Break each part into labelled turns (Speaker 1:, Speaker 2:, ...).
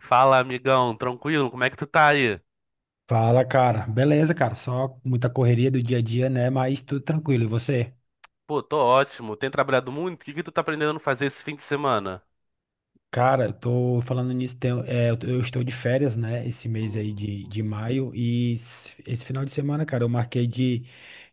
Speaker 1: Fala, amigão, tranquilo? Como é que tu tá aí?
Speaker 2: Fala, cara. Beleza, cara. Só muita correria do dia a dia, né? Mas tudo tranquilo. E você?
Speaker 1: Pô, tô ótimo. Tem trabalhado muito? O que que tu tá aprendendo a fazer esse fim de semana?
Speaker 2: Cara, eu tô falando nisso, eu estou de férias, né, esse mês aí de,
Speaker 1: Hum.
Speaker 2: de maio, e esse final de semana, cara, eu marquei de,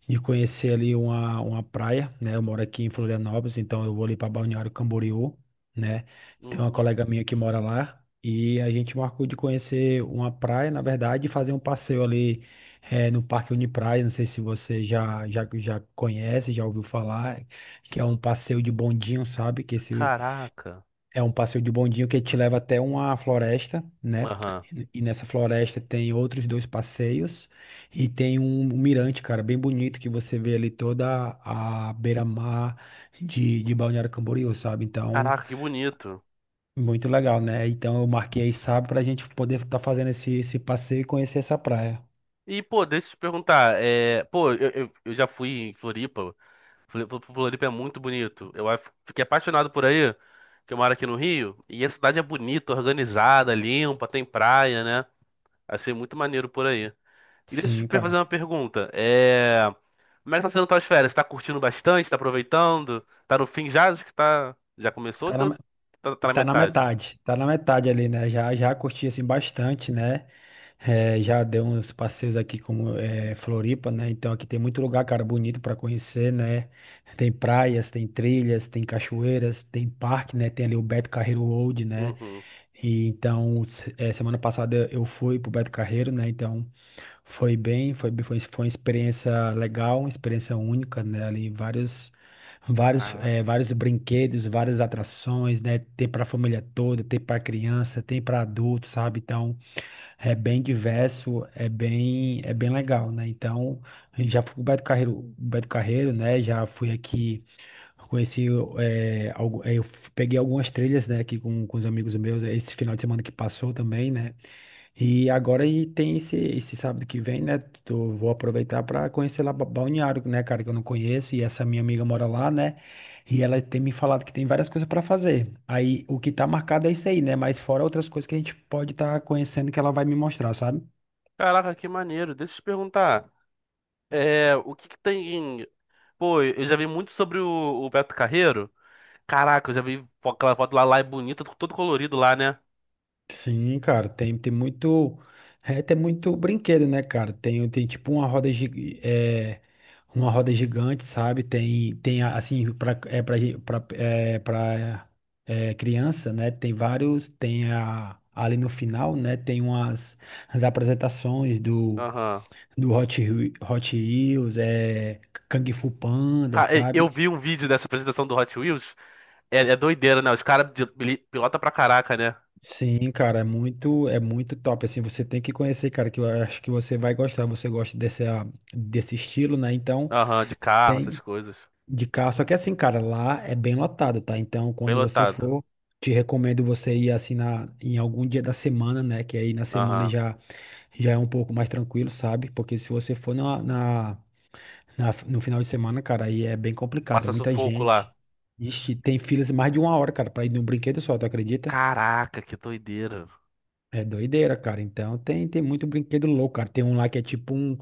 Speaker 2: de conhecer ali uma praia, né, eu moro aqui em Florianópolis, então eu vou ali pra Balneário Camboriú, né, tem uma
Speaker 1: Uhum.
Speaker 2: colega minha que mora lá, e a gente marcou de conhecer uma praia, na verdade, e fazer um passeio ali no Parque Unipraia, não sei se você já conhece, já ouviu falar, que é um passeio de bondinho, sabe?
Speaker 1: Caraca.
Speaker 2: É um passeio de bondinho que te leva até uma floresta, né?
Speaker 1: Aham.
Speaker 2: E nessa floresta tem outros dois passeios e tem um mirante, cara, bem bonito que você vê ali toda a beira-mar de Balneário Camboriú, sabe? Então,
Speaker 1: Caraca, que bonito.
Speaker 2: muito legal, né? Então eu marquei sábado pra gente poder estar fazendo esse passeio e conhecer essa praia.
Speaker 1: E, pô, deixa eu te perguntar. Pô, eu já fui em Floripa. Floripa é muito bonito. Fiquei apaixonado por aí, que eu moro aqui no Rio. E a cidade é bonita, organizada, limpa, tem praia, né? Achei muito maneiro por aí. E deixa eu
Speaker 2: Sim,
Speaker 1: te fazer
Speaker 2: cara.
Speaker 1: uma pergunta. Como é que tá sendo tuas férias? Tá curtindo bastante? Tá aproveitando? Tá no fim já? Acho que tá... Já começou ou
Speaker 2: Tá na,
Speaker 1: tá na
Speaker 2: tá na
Speaker 1: metade?
Speaker 2: metade, tá na metade ali, né? Já curti assim bastante, né? É, já dei uns passeios aqui como é, Floripa, né? Então aqui tem muito lugar, cara, bonito para conhecer, né? Tem praias, tem trilhas, tem cachoeiras, tem parque, né? Tem ali o Beto Carreiro World, né?
Speaker 1: Uhum.
Speaker 2: E então semana passada eu fui pro Beto Carreiro, né? Então foi uma experiência legal, uma experiência única, né? Ali
Speaker 1: Caraca.
Speaker 2: vários brinquedos, várias atrações, né? Tem para a família toda, tem para criança, tem para adulto, sabe? Então é bem diverso, é bem legal, né? Então, já fui com o Beto Carreiro, né? Já fui aqui, conheci, eu peguei algumas trilhas, né? Aqui com os amigos meus, esse final de semana que passou também, né? E agora e tem esse sábado que vem, né? Vou aproveitar para conhecer lá Balneário, né, cara, que eu não conheço, e essa minha amiga mora lá, né? E ela tem me falado que tem várias coisas para fazer. Aí o que tá marcado é isso aí, né? Mas fora outras coisas que a gente pode estar conhecendo que ela vai me mostrar, sabe?
Speaker 1: Caraca, que maneiro. Deixa eu te perguntar. O que que tem... Pô, eu já vi muito sobre o Beto Carreiro. Caraca, eu já vi aquela foto lá, lá é bonita, todo colorido lá, né?
Speaker 2: Sim, cara, tem muito brinquedo, né, cara? Tem tipo uma roda gigante, sabe? Tem, tem assim, pra, é, pra, gen- pra é, criança, né? Tem vários, tem a, ali no final, né? Tem umas as apresentações do,
Speaker 1: Aham.
Speaker 2: do Hot, Whe- Hot Wheels, é, Kung Fu Panda, sabe?
Speaker 1: Eu vi um vídeo dessa apresentação do Hot Wheels. É, é doideira, né? Os caras pilota pra caraca, né?
Speaker 2: Sim, cara, é muito top, assim, você tem que conhecer, cara, que eu acho que você vai gostar, você gosta desse estilo, né, então
Speaker 1: Aham, de carro, essas
Speaker 2: tem
Speaker 1: coisas.
Speaker 2: de carro, só que assim, cara, lá é bem lotado, tá, então
Speaker 1: Bem
Speaker 2: quando você
Speaker 1: lotado.
Speaker 2: for, te recomendo você ir, assim, em algum dia da semana, né, que aí na semana
Speaker 1: Aham.
Speaker 2: já, já é um pouco mais tranquilo, sabe, porque se você for no final de semana, cara, aí é bem complicado, é
Speaker 1: Passa
Speaker 2: muita
Speaker 1: sufoco
Speaker 2: gente.
Speaker 1: lá.
Speaker 2: Ixi, tem filas mais de uma hora, cara, pra ir num brinquedo só, tu acredita?
Speaker 1: Caraca, que doideira.
Speaker 2: É doideira, cara. Então tem muito brinquedo louco, cara. Tem um lá que é tipo um.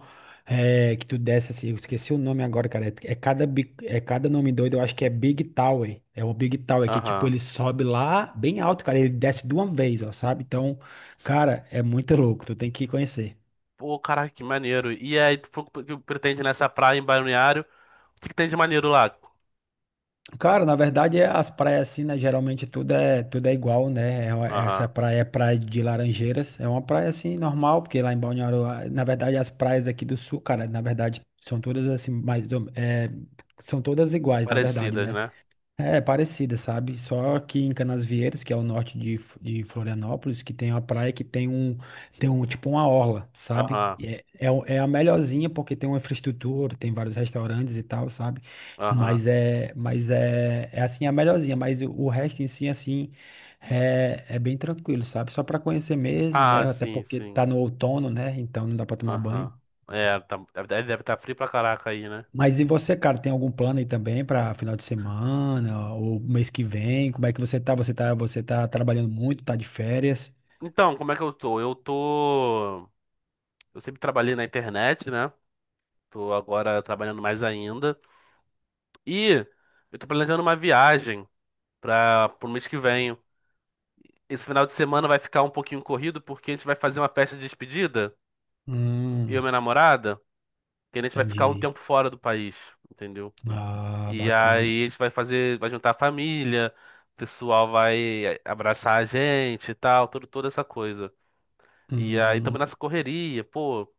Speaker 2: Que tu desce assim, eu esqueci o nome agora, cara. É cada nome doido, eu acho que é Big Tower. É o Big Tower, que tipo,
Speaker 1: Aham.
Speaker 2: ele sobe lá bem alto, cara. Ele desce de uma vez, ó, sabe? Então, cara, é muito louco. Tu tem que conhecer.
Speaker 1: Pô, caraca, que maneiro. E aí, tu falou que pretende nessa praia em Balneário. O que que tem de maneiro lá?
Speaker 2: Cara, na verdade, as praias assim, né? Geralmente tudo é igual, né? Essa
Speaker 1: Aham.
Speaker 2: praia é praia de Laranjeiras. É uma praia assim, normal, porque lá em Balneário, ah, na verdade, as praias aqui do sul, cara, na verdade, são todas assim, são todas iguais, na verdade,
Speaker 1: Parecidas,
Speaker 2: né?
Speaker 1: né?
Speaker 2: É parecida, sabe? Só que em Canasvieiras, que é o norte de Florianópolis, que tem uma praia que tem um tipo uma orla, sabe?
Speaker 1: Aham.
Speaker 2: É a melhorzinha porque tem uma infraestrutura, tem vários restaurantes e tal, sabe?
Speaker 1: Aham.
Speaker 2: É assim a melhorzinha, mas o resto em si, assim, é bem tranquilo, sabe? Só para conhecer mesmo,
Speaker 1: Ah,
Speaker 2: né? Até
Speaker 1: sim,
Speaker 2: porque tá
Speaker 1: sim.
Speaker 2: no outono, né? Então não dá para tomar banho.
Speaker 1: Aham. É, tá, deve estar frio pra caraca aí, né?
Speaker 2: Mas e você, cara, tem algum plano aí também para final de semana ou mês que vem? Como é que você tá? Você tá trabalhando muito, tá de férias?
Speaker 1: Então, como é que eu tô? Eu tô. Eu sempre trabalhei na internet, né? Tô agora trabalhando mais ainda. E eu tô planejando uma viagem para pro mês que vem. Esse final de semana vai ficar um pouquinho corrido porque a gente vai fazer uma festa de despedida, eu e
Speaker 2: Hum,
Speaker 1: minha namorada, que a gente vai ficar um
Speaker 2: entendi.
Speaker 1: tempo fora do país, entendeu?
Speaker 2: Ah,
Speaker 1: E
Speaker 2: bacana.
Speaker 1: aí a gente vai fazer, vai juntar a família, o pessoal vai abraçar a gente e tal, toda essa coisa. E aí
Speaker 2: Hum,
Speaker 1: também nessa correria, pô,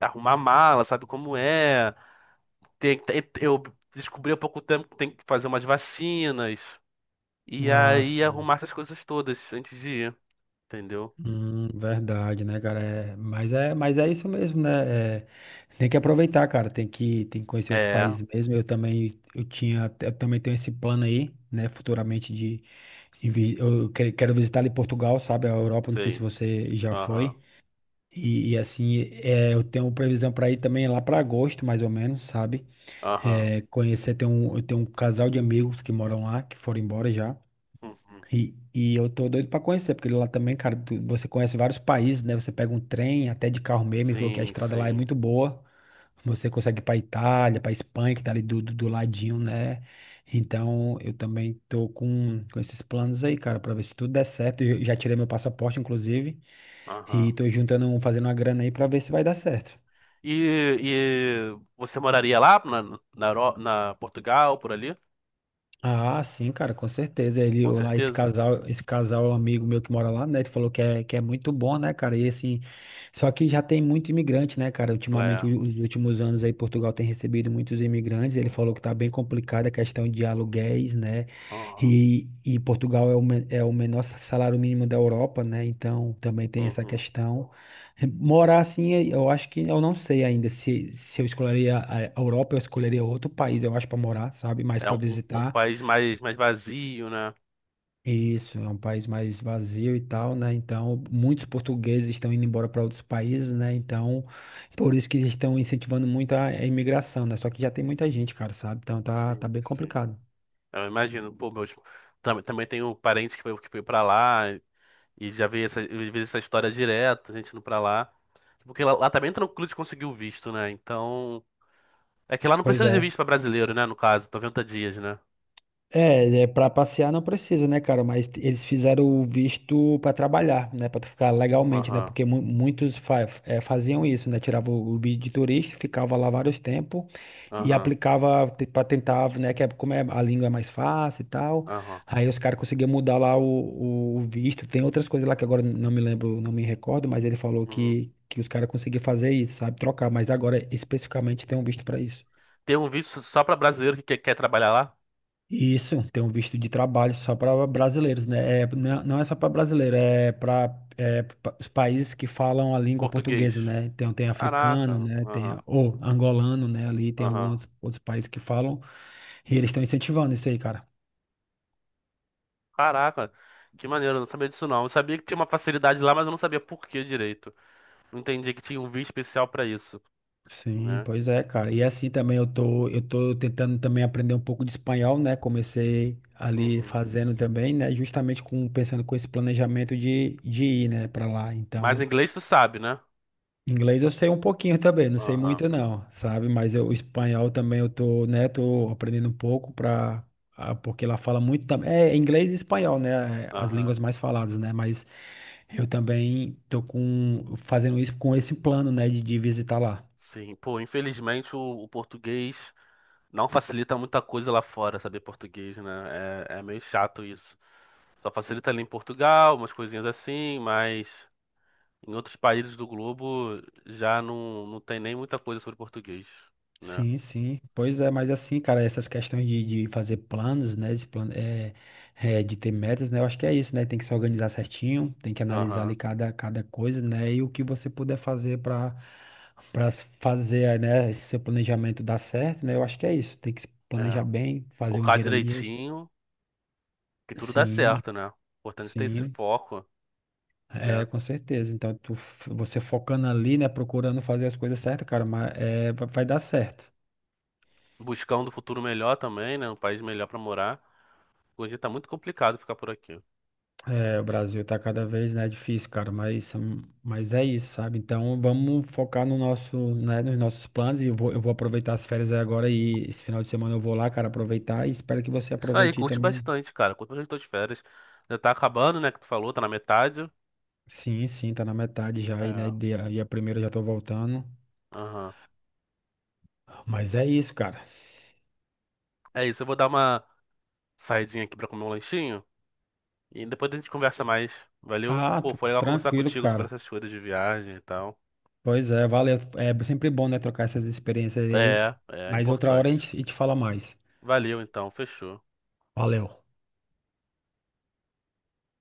Speaker 1: arrumar mala, sabe como é? Eu descobri há pouco tempo que tem que fazer umas vacinas. E
Speaker 2: ah,
Speaker 1: aí
Speaker 2: sim.
Speaker 1: arrumar essas coisas todas antes de ir, entendeu?
Speaker 2: Verdade, né, cara? Mas é isso mesmo, né? É, tem que aproveitar, cara. Tem que conhecer os
Speaker 1: É,
Speaker 2: países mesmo. Eu também tenho esse plano aí, né? Futuramente de quero visitar ali Portugal, sabe? A Europa. Não sei se
Speaker 1: sei.
Speaker 2: você já
Speaker 1: Aham.
Speaker 2: foi. Eu tenho previsão para ir também lá para agosto, mais ou menos, sabe?
Speaker 1: Aham.
Speaker 2: É, conhecer, tem um, eu tenho um casal de amigos que moram lá, que foram embora já.
Speaker 1: Uhum.
Speaker 2: E eu tô doido para conhecer, porque lá também, cara, você conhece vários países, né? Você pega um trem, até de carro mesmo, e falou que a
Speaker 1: Sim,
Speaker 2: estrada lá é
Speaker 1: sim.
Speaker 2: muito boa. Você consegue ir para Itália, para Espanha, que tá ali do ladinho, né? Então, eu também com esses planos aí, cara, para ver se tudo der certo. Eu já tirei meu passaporte, inclusive,
Speaker 1: Aham.
Speaker 2: e tô juntando, fazendo uma grana aí para ver se vai dar certo.
Speaker 1: E, e você moraria lá na Portugal, por ali?
Speaker 2: Ah, sim, cara, com certeza. Ele,
Speaker 1: Com
Speaker 2: lá, esse
Speaker 1: certeza.
Speaker 2: casal, esse casal, amigo meu que mora lá, né? Ele falou que é muito bom, né, cara? E assim, só que já tem muito imigrante, né, cara?
Speaker 1: Lá
Speaker 2: Ultimamente,
Speaker 1: é.
Speaker 2: os últimos anos aí, Portugal tem recebido muitos imigrantes. Ele falou que tá bem complicada a questão de aluguéis, né?
Speaker 1: Aham.
Speaker 2: E Portugal é é o menor salário mínimo da Europa, né? Então também tem essa
Speaker 1: Uhum.
Speaker 2: questão. Morar assim, é, eu acho que eu não sei ainda se eu escolheria a Europa, eu escolheria outro país, eu acho, para morar, sabe? Mais
Speaker 1: É
Speaker 2: para
Speaker 1: um, um, um
Speaker 2: visitar.
Speaker 1: país mais, mais vazio, né?
Speaker 2: Isso, é um país mais vazio e tal, né? Então, muitos portugueses estão indo embora para outros países, né? Então, por isso que eles estão incentivando muito a imigração, né? Só que já tem muita gente, cara, sabe? Então, tá
Speaker 1: Sim,
Speaker 2: bem
Speaker 1: sim.
Speaker 2: complicado.
Speaker 1: Eu imagino. Também, também tenho parentes que foi pra lá e já vi essa, eu vi essa história direto, gente indo pra lá. Porque lá tá bem tranquilo de conseguir o visto, né? Então. É que lá não
Speaker 2: Pois
Speaker 1: precisa de
Speaker 2: é.
Speaker 1: visto pra brasileiro, né? No caso, 90 dias, né?
Speaker 2: É, é para passear não precisa, né, cara? Mas eles fizeram o visto para trabalhar, né? Para ficar legalmente, né?
Speaker 1: Aham.
Speaker 2: Porque muitos faziam isso, né? Tirava o visto de turista, ficava lá vários tempos e
Speaker 1: Aham,
Speaker 2: aplicava para tentar, né? Que é, como é, a língua é mais fácil e tal.
Speaker 1: aham.
Speaker 2: Aí os caras conseguiam mudar lá o visto. Tem outras coisas lá que agora não me lembro, não me recordo, mas ele falou
Speaker 1: Uhum.
Speaker 2: que os caras conseguiam fazer isso, sabe? Trocar, mas agora especificamente tem um visto para isso.
Speaker 1: Tem um visto só pra brasileiro que quer, quer trabalhar lá?
Speaker 2: Isso, tem um visto de trabalho só para brasileiros, né? É, não não é só para brasileiro, é para os países que falam a língua
Speaker 1: Português.
Speaker 2: portuguesa, né? Então tem africano,
Speaker 1: Caraca,
Speaker 2: né? Tem
Speaker 1: aham,
Speaker 2: a- ou angolano, né? Ali tem
Speaker 1: aham.
Speaker 2: alguns outros países que falam, e eles estão incentivando isso aí, cara.
Speaker 1: Caraca, que maneiro, eu não sabia disso não. Eu sabia que tinha uma facilidade lá, mas eu não sabia por que direito. Não entendi que tinha um visto especial pra isso,
Speaker 2: Sim,
Speaker 1: né?
Speaker 2: pois é, cara. Eu tô tentando também aprender um pouco de espanhol, né? Comecei ali
Speaker 1: Uhum.
Speaker 2: fazendo também, né? Justamente com pensando com esse planejamento de ir, né, para lá.
Speaker 1: Mas
Speaker 2: Então
Speaker 1: inglês tu sabe, né?
Speaker 2: inglês eu sei um pouquinho também, não sei
Speaker 1: Aham,
Speaker 2: muito não, sabe? Mas eu, o espanhol também eu tô, né, tô aprendendo um pouco para porque lá fala muito também. É inglês e espanhol, né? É, as
Speaker 1: aham.
Speaker 2: línguas mais faladas, né? Mas eu também tô com fazendo isso com esse plano, né, de visitar lá.
Speaker 1: Sim, pô, infelizmente o português não facilita muita coisa lá fora, saber português, né? É, é meio chato isso. Só facilita ali em Portugal, umas coisinhas assim, mas. Em outros países do globo já não, não tem nem muita coisa sobre português, né?
Speaker 2: Sim, sim. Pois é, mas assim, cara, essas questões de fazer planos, né? De, plan é, é, de ter metas, né? Eu acho que é isso, né? Tem que se organizar certinho, tem que analisar
Speaker 1: Aham,
Speaker 2: ali cada coisa, né? E o que você puder fazer para fazer, né, esse seu planejamento dar certo, né? Eu acho que é isso. Tem que se planejar
Speaker 1: é.
Speaker 2: bem, fazer um
Speaker 1: Focar
Speaker 2: dinheiro ali extra.
Speaker 1: direitinho, que tudo dá
Speaker 2: Sim,
Speaker 1: certo, né? Importante ter esse
Speaker 2: sim.
Speaker 1: foco, né?
Speaker 2: É, com certeza. Então, você focando ali, né? Procurando fazer as coisas certas, cara, mas é, vai dar certo.
Speaker 1: Buscar um do futuro melhor também, né? Um país melhor pra morar. Hoje tá muito complicado ficar por aqui.
Speaker 2: É, o Brasil tá cada vez, né, difícil, cara, mas é isso, sabe? Então vamos focar no nosso, né, nos nossos planos e eu vou aproveitar as férias aí agora e esse final de semana eu vou lá, cara, aproveitar e espero que você
Speaker 1: Isso aí,
Speaker 2: aproveite aí
Speaker 1: curte
Speaker 2: também.
Speaker 1: bastante, cara. Curte bastante tuas férias. Já tá acabando, né? Que tu falou, tá na metade.
Speaker 2: Sim, sim, tá na metade já aí, né?
Speaker 1: É.
Speaker 2: E a primeira eu já tô voltando.
Speaker 1: Aham.
Speaker 2: Mas é isso, cara.
Speaker 1: É isso, eu vou dar uma saidinha aqui pra comer um lanchinho. E depois a gente conversa mais. Valeu?
Speaker 2: Ah,
Speaker 1: Pô,
Speaker 2: tá
Speaker 1: foi legal conversar
Speaker 2: tranquilo,
Speaker 1: contigo sobre
Speaker 2: cara.
Speaker 1: essas coisas de viagem e tal.
Speaker 2: Pois é, valeu. É sempre bom, né, trocar essas experiências aí.
Speaker 1: É, é
Speaker 2: Mas outra hora
Speaker 1: importante.
Speaker 2: a gente fala mais.
Speaker 1: Valeu então, fechou.
Speaker 2: Valeu.